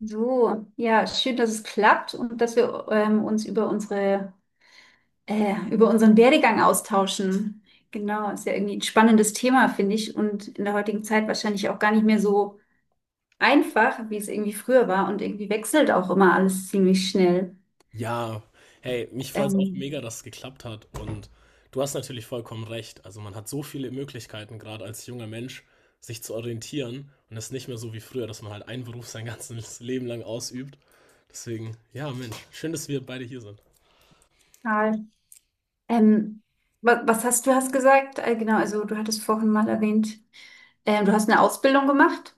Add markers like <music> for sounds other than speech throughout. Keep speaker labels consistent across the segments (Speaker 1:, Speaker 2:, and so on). Speaker 1: So, ja, schön, dass es klappt und dass wir uns über unseren Werdegang austauschen. Genau, ist ja irgendwie ein spannendes Thema, finde ich, und in der heutigen Zeit wahrscheinlich auch gar nicht mehr so einfach, wie es irgendwie früher war. Und irgendwie wechselt auch immer alles ziemlich schnell.
Speaker 2: Ja, hey, mich freut es auch
Speaker 1: Ähm,
Speaker 2: mega, dass es geklappt hat. Und du hast natürlich vollkommen recht. Also man hat so viele Möglichkeiten, gerade als junger Mensch, sich zu orientieren. Und es ist nicht mehr so wie früher, dass man halt einen Beruf sein ganzes <laughs> Leben lang ausübt. Deswegen, ja, Mensch, schön, dass wir beide hier sind.
Speaker 1: Karl, ähm, was hast du hast gesagt? Genau, also du hattest vorhin mal erwähnt, du hast eine Ausbildung gemacht.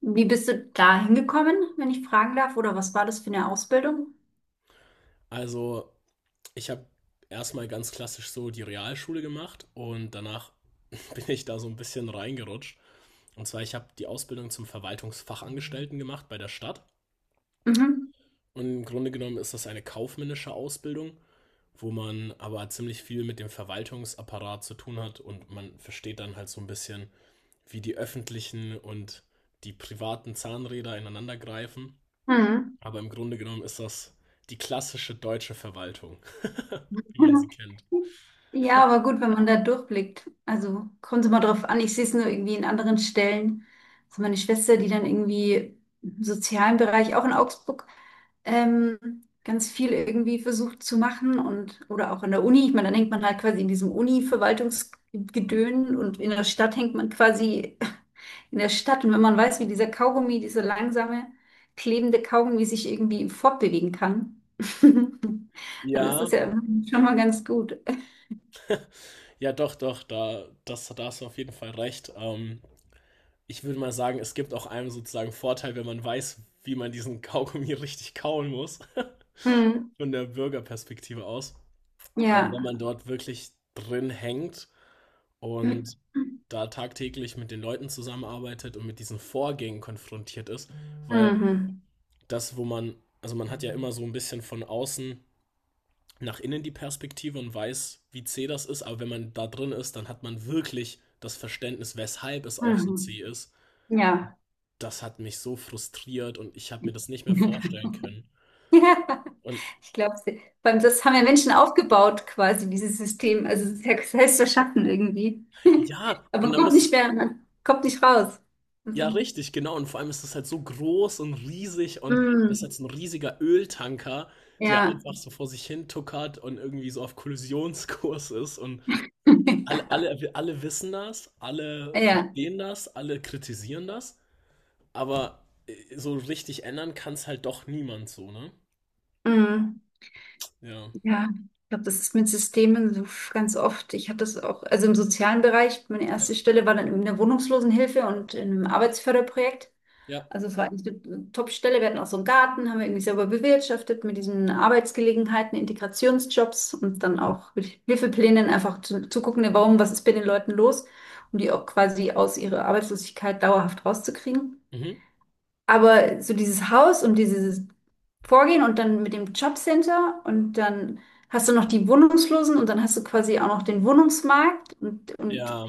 Speaker 1: Wie bist du da hingekommen, wenn ich fragen darf? Oder was war das für eine Ausbildung?
Speaker 2: Also, ich habe erstmal ganz klassisch so die Realschule gemacht und danach <laughs> bin ich da so ein bisschen reingerutscht. Und zwar, ich habe die Ausbildung zum Verwaltungsfachangestellten gemacht bei der Stadt.
Speaker 1: Mhm.
Speaker 2: Und im Grunde genommen ist das eine kaufmännische Ausbildung, wo man aber ziemlich viel mit dem Verwaltungsapparat zu tun hat, und man versteht dann halt so ein bisschen, wie die öffentlichen und die privaten Zahnräder ineinander greifen.
Speaker 1: Mhm.
Speaker 2: Aber im Grunde genommen ist das die klassische deutsche Verwaltung, <laughs> wie man sie kennt.
Speaker 1: Ja, aber gut, wenn man da durchblickt. Also kommt es immer drauf an. Ich sehe es nur irgendwie in anderen Stellen. Also meine Schwester, die dann irgendwie im sozialen Bereich, auch in Augsburg, ähm, ganz viel irgendwie versucht zu machen und oder auch an der Uni. Ich meine, dann hängt man halt quasi in diesem Uni-Verwaltungsgedön und in der Stadt hängt man quasi in der Stadt. Und wenn man weiß, wie dieser Kaugummi, dieser langsame, klebende Kaugummi sich irgendwie fortbewegen kann, <laughs> dann ist
Speaker 2: Ja,
Speaker 1: das ja schon mal ganz gut.
Speaker 2: ja, doch, doch, da hast du auf jeden Fall recht. Ich würde mal sagen, es gibt auch einem sozusagen Vorteil, wenn man weiß, wie man diesen <laughs> Kaugummi richtig kauen muss,
Speaker 1: Hm,
Speaker 2: <laughs> von der Bürgerperspektive aus. Aber wenn
Speaker 1: ja.
Speaker 2: man dort wirklich drin hängt
Speaker 1: Mhm.
Speaker 2: und da tagtäglich mit den Leuten zusammenarbeitet und mit diesen Vorgängen konfrontiert ist, weil das, wo man, also man hat ja immer so ein bisschen von außen nach innen die Perspektive und weiß, wie zäh das ist, aber wenn man da drin ist, dann hat man wirklich das Verständnis, weshalb es auch so zäh
Speaker 1: Mhm.
Speaker 2: ist.
Speaker 1: Ja.
Speaker 2: Das hat mich so frustriert und ich habe mir das nicht mehr
Speaker 1: <laughs>
Speaker 2: vorstellen können.
Speaker 1: Ja,
Speaker 2: Und
Speaker 1: ich glaube, das haben ja Menschen aufgebaut, quasi, dieses System. Also, es ist ja selbst erschaffen irgendwie. <laughs>
Speaker 2: ja, und
Speaker 1: Aber
Speaker 2: dann
Speaker 1: kommt
Speaker 2: muss
Speaker 1: nicht
Speaker 2: ich.
Speaker 1: mehr, kommt nicht raus. Also,
Speaker 2: Ja, richtig, genau. Und vor allem ist das halt so groß und riesig, und das ist
Speaker 1: mm,
Speaker 2: jetzt ein riesiger Öltanker, der
Speaker 1: ja,
Speaker 2: einfach so vor sich hin tuckert und irgendwie so auf Kollisionskurs ist. Und alle,
Speaker 1: <laughs>
Speaker 2: alle, alle wissen das, alle
Speaker 1: ja,
Speaker 2: verstehen das, alle kritisieren das, aber so richtig ändern kann es halt doch niemand so, ne?
Speaker 1: mm.
Speaker 2: Ja.
Speaker 1: Ja, ich glaube, das ist mit Systemen so ganz oft. Ich hatte das auch, also im sozialen Bereich, meine
Speaker 2: Ja.
Speaker 1: erste Stelle war dann in der Wohnungslosenhilfe und in einem Arbeitsförderprojekt.
Speaker 2: Ja.
Speaker 1: Also es war eigentlich eine Top-Stelle. Wir hatten auch so einen Garten, haben wir irgendwie selber bewirtschaftet mit diesen Arbeitsgelegenheiten, Integrationsjobs und dann auch mit Hilfeplänen einfach zu gucken, ne, warum, was ist bei den Leuten los, um die auch quasi aus ihrer Arbeitslosigkeit dauerhaft rauszukriegen.
Speaker 2: Mhm.
Speaker 1: Aber so dieses Haus und dieses Vorgehen und dann mit dem Jobcenter und dann hast du noch die Wohnungslosen und dann hast du quasi auch noch den Wohnungsmarkt und
Speaker 2: Ja.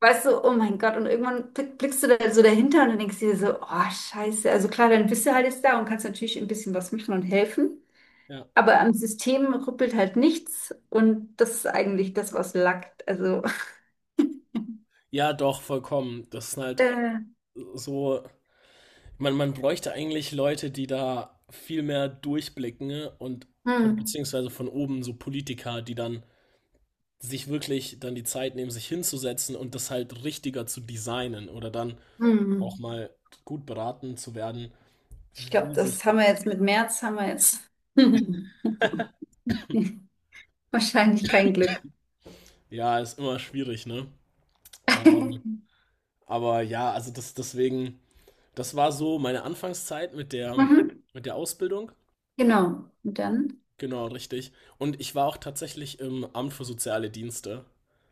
Speaker 1: weißt du, oh mein Gott, und irgendwann blickst du da so dahinter und dann denkst du dir so, oh Scheiße, also klar, dann bist du halt jetzt da und kannst natürlich ein bisschen was machen und helfen,
Speaker 2: Ja.
Speaker 1: aber am System rüppelt halt nichts und das ist eigentlich das, was lackt. Also,
Speaker 2: Ja, doch, vollkommen. Das ist
Speaker 1: <laughs>
Speaker 2: halt
Speaker 1: äh,
Speaker 2: so. Man bräuchte eigentlich Leute, die da viel mehr durchblicken, ne? Und
Speaker 1: hm,
Speaker 2: beziehungsweise von oben so Politiker, die dann sich wirklich dann die Zeit nehmen, sich hinzusetzen und das halt richtiger zu designen oder dann
Speaker 1: hm.
Speaker 2: auch
Speaker 1: Hm.
Speaker 2: mal gut beraten zu werden,
Speaker 1: Ich glaube,
Speaker 2: wie sich.
Speaker 1: das haben wir jetzt mit März, haben wir jetzt <laughs> wahrscheinlich kein Glück.
Speaker 2: Ja, ist immer schwierig, ne? Ähm,
Speaker 1: <laughs>
Speaker 2: aber ja, also das deswegen, das war so meine Anfangszeit mit der
Speaker 1: Mhm.
Speaker 2: Ausbildung.
Speaker 1: Genau. Und dann?
Speaker 2: Genau, richtig. Und ich war auch tatsächlich im Amt für soziale Dienste,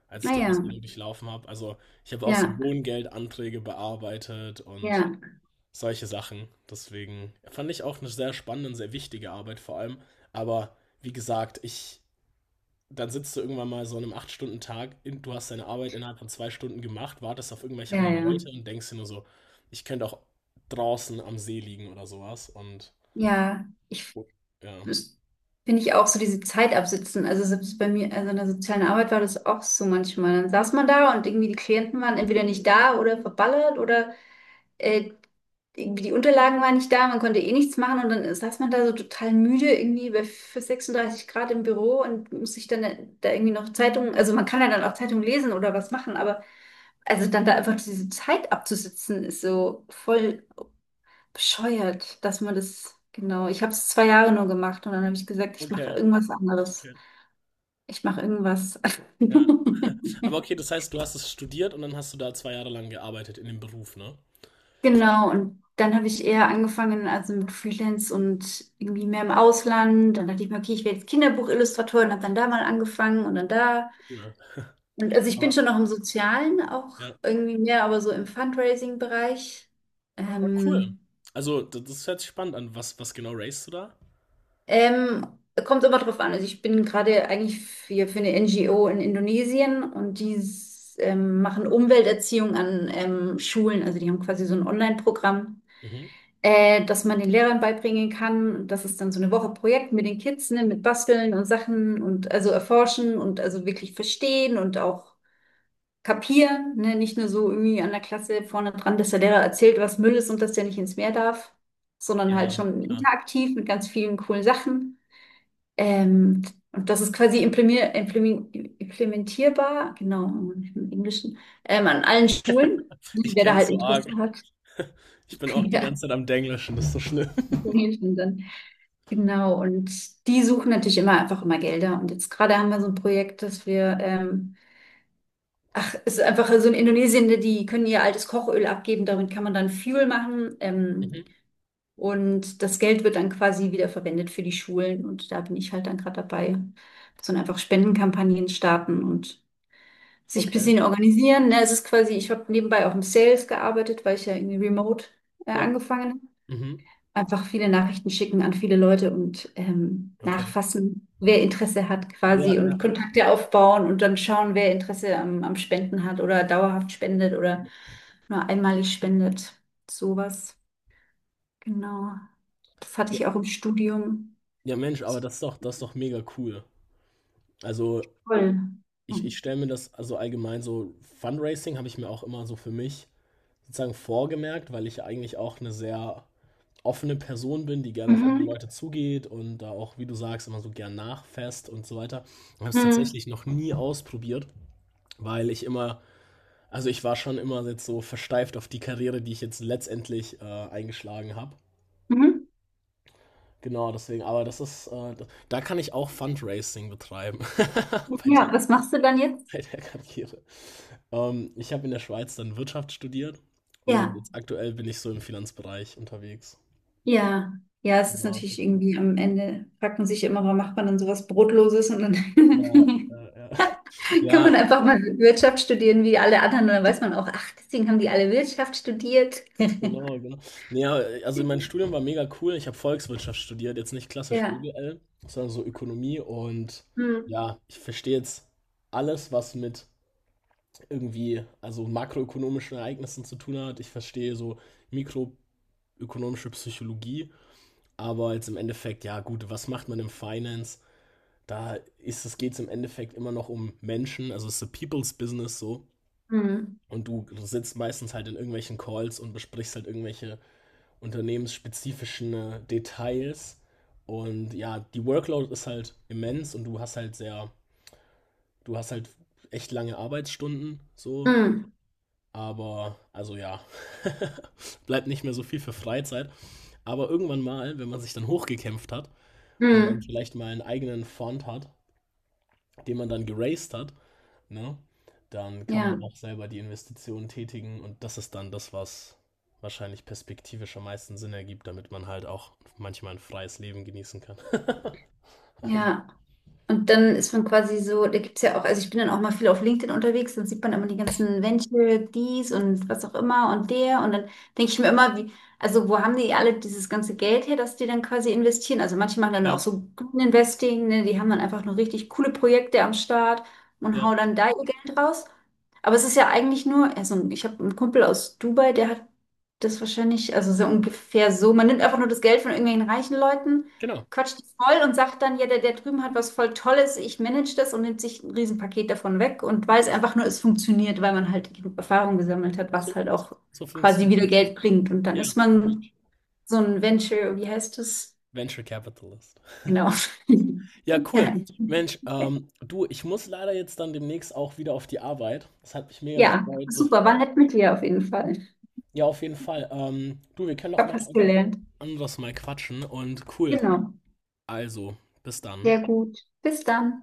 Speaker 2: als ich die
Speaker 1: Naja,
Speaker 2: Ausbildung durchlaufen habe. Also ich habe auch so
Speaker 1: ja,
Speaker 2: Wohngeldanträge bearbeitet und
Speaker 1: ja,
Speaker 2: solche Sachen. Deswegen fand ich auch eine sehr spannende und sehr wichtige Arbeit vor allem. Aber wie gesagt, dann sitzt du irgendwann mal so an einem 8-Stunden-Tag, du hast deine Arbeit innerhalb von 2 Stunden gemacht, wartest auf irgendwelche
Speaker 1: ja,
Speaker 2: anderen
Speaker 1: ja. Ja,
Speaker 2: Leute und denkst dir nur so, ich könnte auch draußen am See liegen oder sowas. Und
Speaker 1: ja, ich
Speaker 2: ja.
Speaker 1: das finde ich auch so diese Zeit absitzen. Also selbst bei mir, also in der sozialen Arbeit war das auch so manchmal. Dann saß man da und irgendwie die Klienten waren entweder nicht da oder verballert oder äh, irgendwie die Unterlagen waren nicht da, man konnte eh nichts machen und dann saß man da so total müde irgendwie bei für 36 Grad im Büro und muss sich dann da irgendwie noch Zeitungen, also man kann ja dann auch Zeitungen lesen oder was machen, aber also dann da einfach diese Zeit abzusitzen ist so voll bescheuert, dass man das, genau, ich habe es 2 Jahre nur gemacht und dann habe ich gesagt, ich mache
Speaker 2: Okay.
Speaker 1: irgendwas anderes. Ich mache irgendwas.
Speaker 2: Ja. <laughs> Aber
Speaker 1: <laughs>
Speaker 2: okay, das heißt, du hast es studiert und dann hast du da 2 Jahre lang gearbeitet in dem Beruf, ne?
Speaker 1: Genau, und dann habe ich eher angefangen, also mit Freelance und irgendwie mehr im Ausland. Dann dachte ich mir, okay, ich werde jetzt Kinderbuchillustratorin, habe dann da mal angefangen und dann da.
Speaker 2: Cool. <laughs>
Speaker 1: Und also ich bin
Speaker 2: Aber
Speaker 1: schon noch im Sozialen auch
Speaker 2: ja,
Speaker 1: irgendwie mehr, aber so im Fundraising-Bereich.
Speaker 2: aber cool.
Speaker 1: Ähm,
Speaker 2: Also, das hört sich spannend an. Was genau racest du da?
Speaker 1: ähm, Kommt immer drauf an. Also ich bin gerade eigentlich für eine NGO in Indonesien und die machen Umwelterziehung an Schulen. Also die haben quasi so ein Online-Programm.
Speaker 2: Mhm.
Speaker 1: Dass man den Lehrern beibringen kann, dass es dann so eine Woche Projekt mit den Kids, ne, mit Basteln und Sachen und also erforschen und also wirklich verstehen und auch kapieren, ne, nicht nur so irgendwie an der Klasse vorne dran, dass der Lehrer erzählt, was Müll ist und dass der nicht ins Meer darf, sondern
Speaker 2: Ja,
Speaker 1: halt schon
Speaker 2: klar.
Speaker 1: interaktiv mit ganz vielen coolen Sachen. Ähm, und das ist quasi implementierbar, genau, im Englischen, an allen Schulen, ne,
Speaker 2: Ich
Speaker 1: wer da
Speaker 2: kenn's
Speaker 1: halt
Speaker 2: so
Speaker 1: Interesse
Speaker 2: arg.
Speaker 1: hat. <laughs>
Speaker 2: Ich bin auch die
Speaker 1: Ja,
Speaker 2: ganze Zeit am Denglischen, das ist so schlimm.
Speaker 1: im
Speaker 2: <laughs>
Speaker 1: Englischen dann. Genau, und die suchen natürlich immer einfach immer Gelder. Und jetzt gerade haben wir so ein Projekt, dass wir, es ist einfach so in Indonesien, die können ihr altes Kochöl abgeben, damit kann man dann Fuel machen.
Speaker 2: Mhm.
Speaker 1: Und das Geld wird dann quasi wieder verwendet für die Schulen. Und da bin ich halt dann gerade dabei, dass man einfach Spendenkampagnen starten und sich ein
Speaker 2: Okay.
Speaker 1: bisschen organisieren. Ne, es ist quasi, ich habe nebenbei auch im Sales gearbeitet, weil ich ja irgendwie remote
Speaker 2: Ja.
Speaker 1: angefangen
Speaker 2: Mhm.
Speaker 1: einfach viele Nachrichten schicken an viele Leute und
Speaker 2: Okay.
Speaker 1: nachfassen, wer Interesse hat
Speaker 2: Ja,
Speaker 1: quasi und
Speaker 2: ja,
Speaker 1: Kontakte aufbauen und dann schauen, wer Interesse am Spenden hat oder dauerhaft spendet oder nur einmalig spendet. Sowas. Genau. Das hatte
Speaker 2: ja.
Speaker 1: ich auch im Studium.
Speaker 2: Ja, Mensch, aber das ist doch mega cool. Also,
Speaker 1: Toll.
Speaker 2: ich
Speaker 1: Mhm.
Speaker 2: stelle mir das also allgemein so, Fundraising habe ich mir auch immer so für mich sozusagen vorgemerkt, weil ich ja eigentlich auch eine sehr offene Person bin, die gerne auf andere
Speaker 1: Mhm.
Speaker 2: Leute zugeht und da auch, wie du sagst, immer so gern nachfasst und so weiter. Ich habe es tatsächlich noch nie ausprobiert, weil ich immer, also ich war schon immer jetzt so versteift auf die Karriere, die ich jetzt letztendlich eingeschlagen habe.
Speaker 1: Mhm.
Speaker 2: Genau, deswegen, aber das ist, da kann ich auch Fundraising betreiben <laughs> bei
Speaker 1: Ja, was machst du dann
Speaker 2: <laughs>
Speaker 1: jetzt?
Speaker 2: bei der Karriere. Ich habe in der Schweiz dann Wirtschaft studiert und
Speaker 1: Ja,
Speaker 2: jetzt aktuell bin ich so im Finanzbereich unterwegs.
Speaker 1: ja. Ja, es ist
Speaker 2: Genau.
Speaker 1: natürlich irgendwie am Ende, fragt man sich immer, warum macht man dann sowas Brotloses und dann
Speaker 2: Ja,
Speaker 1: <laughs>
Speaker 2: ja, ja.
Speaker 1: kann
Speaker 2: Ja,
Speaker 1: man einfach mal Wirtschaft studieren wie alle anderen und dann weiß man auch, ach, deswegen haben die alle Wirtschaft studiert. <laughs>
Speaker 2: genau, genau. Nee, ja, also mein Studium war mega cool. Ich habe Volkswirtschaft studiert, jetzt nicht klassisch
Speaker 1: Ja.
Speaker 2: BWL, sondern so Ökonomie. Und
Speaker 1: Hm.
Speaker 2: ja, ich verstehe jetzt alles, was mit irgendwie, also makroökonomischen Ereignissen zu tun hat. Ich verstehe so mikroökonomische Psychologie, aber jetzt im Endeffekt, ja gut, was macht man im Finance? Da ist es geht's im Endeffekt immer noch um Menschen, also es ist a people's business so.
Speaker 1: Hm.
Speaker 2: Und du sitzt meistens halt in irgendwelchen Calls und besprichst halt irgendwelche unternehmensspezifischen Details. Und ja, die Workload ist halt immens, und du hast halt echt lange Arbeitsstunden so.
Speaker 1: Hm.
Speaker 2: Aber, also ja, <laughs> bleibt nicht mehr so viel für Freizeit. Aber irgendwann mal, wenn man sich dann hochgekämpft hat
Speaker 1: Hm.
Speaker 2: und dann
Speaker 1: Hm.
Speaker 2: vielleicht mal einen eigenen Fund hat, den man dann geraced hat, ne? Dann kann man
Speaker 1: Ja,
Speaker 2: auch selber die Investitionen tätigen, und das ist dann das, was wahrscheinlich perspektivisch am meisten Sinn ergibt, damit man halt auch manchmal ein freies Leben genießen kann. <laughs> Also,
Speaker 1: ja. Und dann ist man quasi so, da gibt es ja auch, also ich bin dann auch mal viel auf LinkedIn unterwegs, dann sieht man immer die ganzen Venture, dies und was auch immer und der. Und dann denke ich mir immer, wie, also wo haben die alle dieses ganze Geld her, das die dann quasi investieren? Also manche machen dann auch
Speaker 2: ja,
Speaker 1: so Green Investing, ne? Die haben dann einfach nur richtig coole Projekte am Start
Speaker 2: ja,
Speaker 1: und hauen dann da ihr Geld raus. Aber es ist ja eigentlich nur, also ich habe einen Kumpel aus Dubai, der hat das wahrscheinlich, also so ungefähr so, man nimmt einfach nur das Geld von irgendwelchen reichen Leuten
Speaker 2: genau.
Speaker 1: quatscht die voll und sagt dann, ja, der drüben hat was voll Tolles, ich manage das und nimmt sich ein Riesenpaket davon weg und weiß einfach nur, es funktioniert, weil man halt genug Erfahrung gesammelt hat,
Speaker 2: So,
Speaker 1: was halt
Speaker 2: so
Speaker 1: auch
Speaker 2: so
Speaker 1: quasi
Speaker 2: funktioniert
Speaker 1: wieder
Speaker 2: das.
Speaker 1: Geld bringt. Und dann
Speaker 2: Ja, ja,
Speaker 1: ist man
Speaker 2: Mensch.
Speaker 1: so ein Venture, wie heißt es?
Speaker 2: Venture Capitalist.
Speaker 1: Genau. <laughs>
Speaker 2: Ja,
Speaker 1: Ja,
Speaker 2: cool. Mensch, du, ich muss leider jetzt dann demnächst auch wieder auf die Arbeit. Das hat mich mega
Speaker 1: ja,
Speaker 2: gefreut. Das,
Speaker 1: super, war nett mit dir auf jeden Fall.
Speaker 2: ja, auf jeden Fall. Du, wir können
Speaker 1: Ich
Speaker 2: doch
Speaker 1: habe
Speaker 2: mal
Speaker 1: was
Speaker 2: einfach
Speaker 1: gelernt.
Speaker 2: anders mal quatschen und cool.
Speaker 1: Genau.
Speaker 2: Also, bis dann.
Speaker 1: Sehr gut. Bis dann.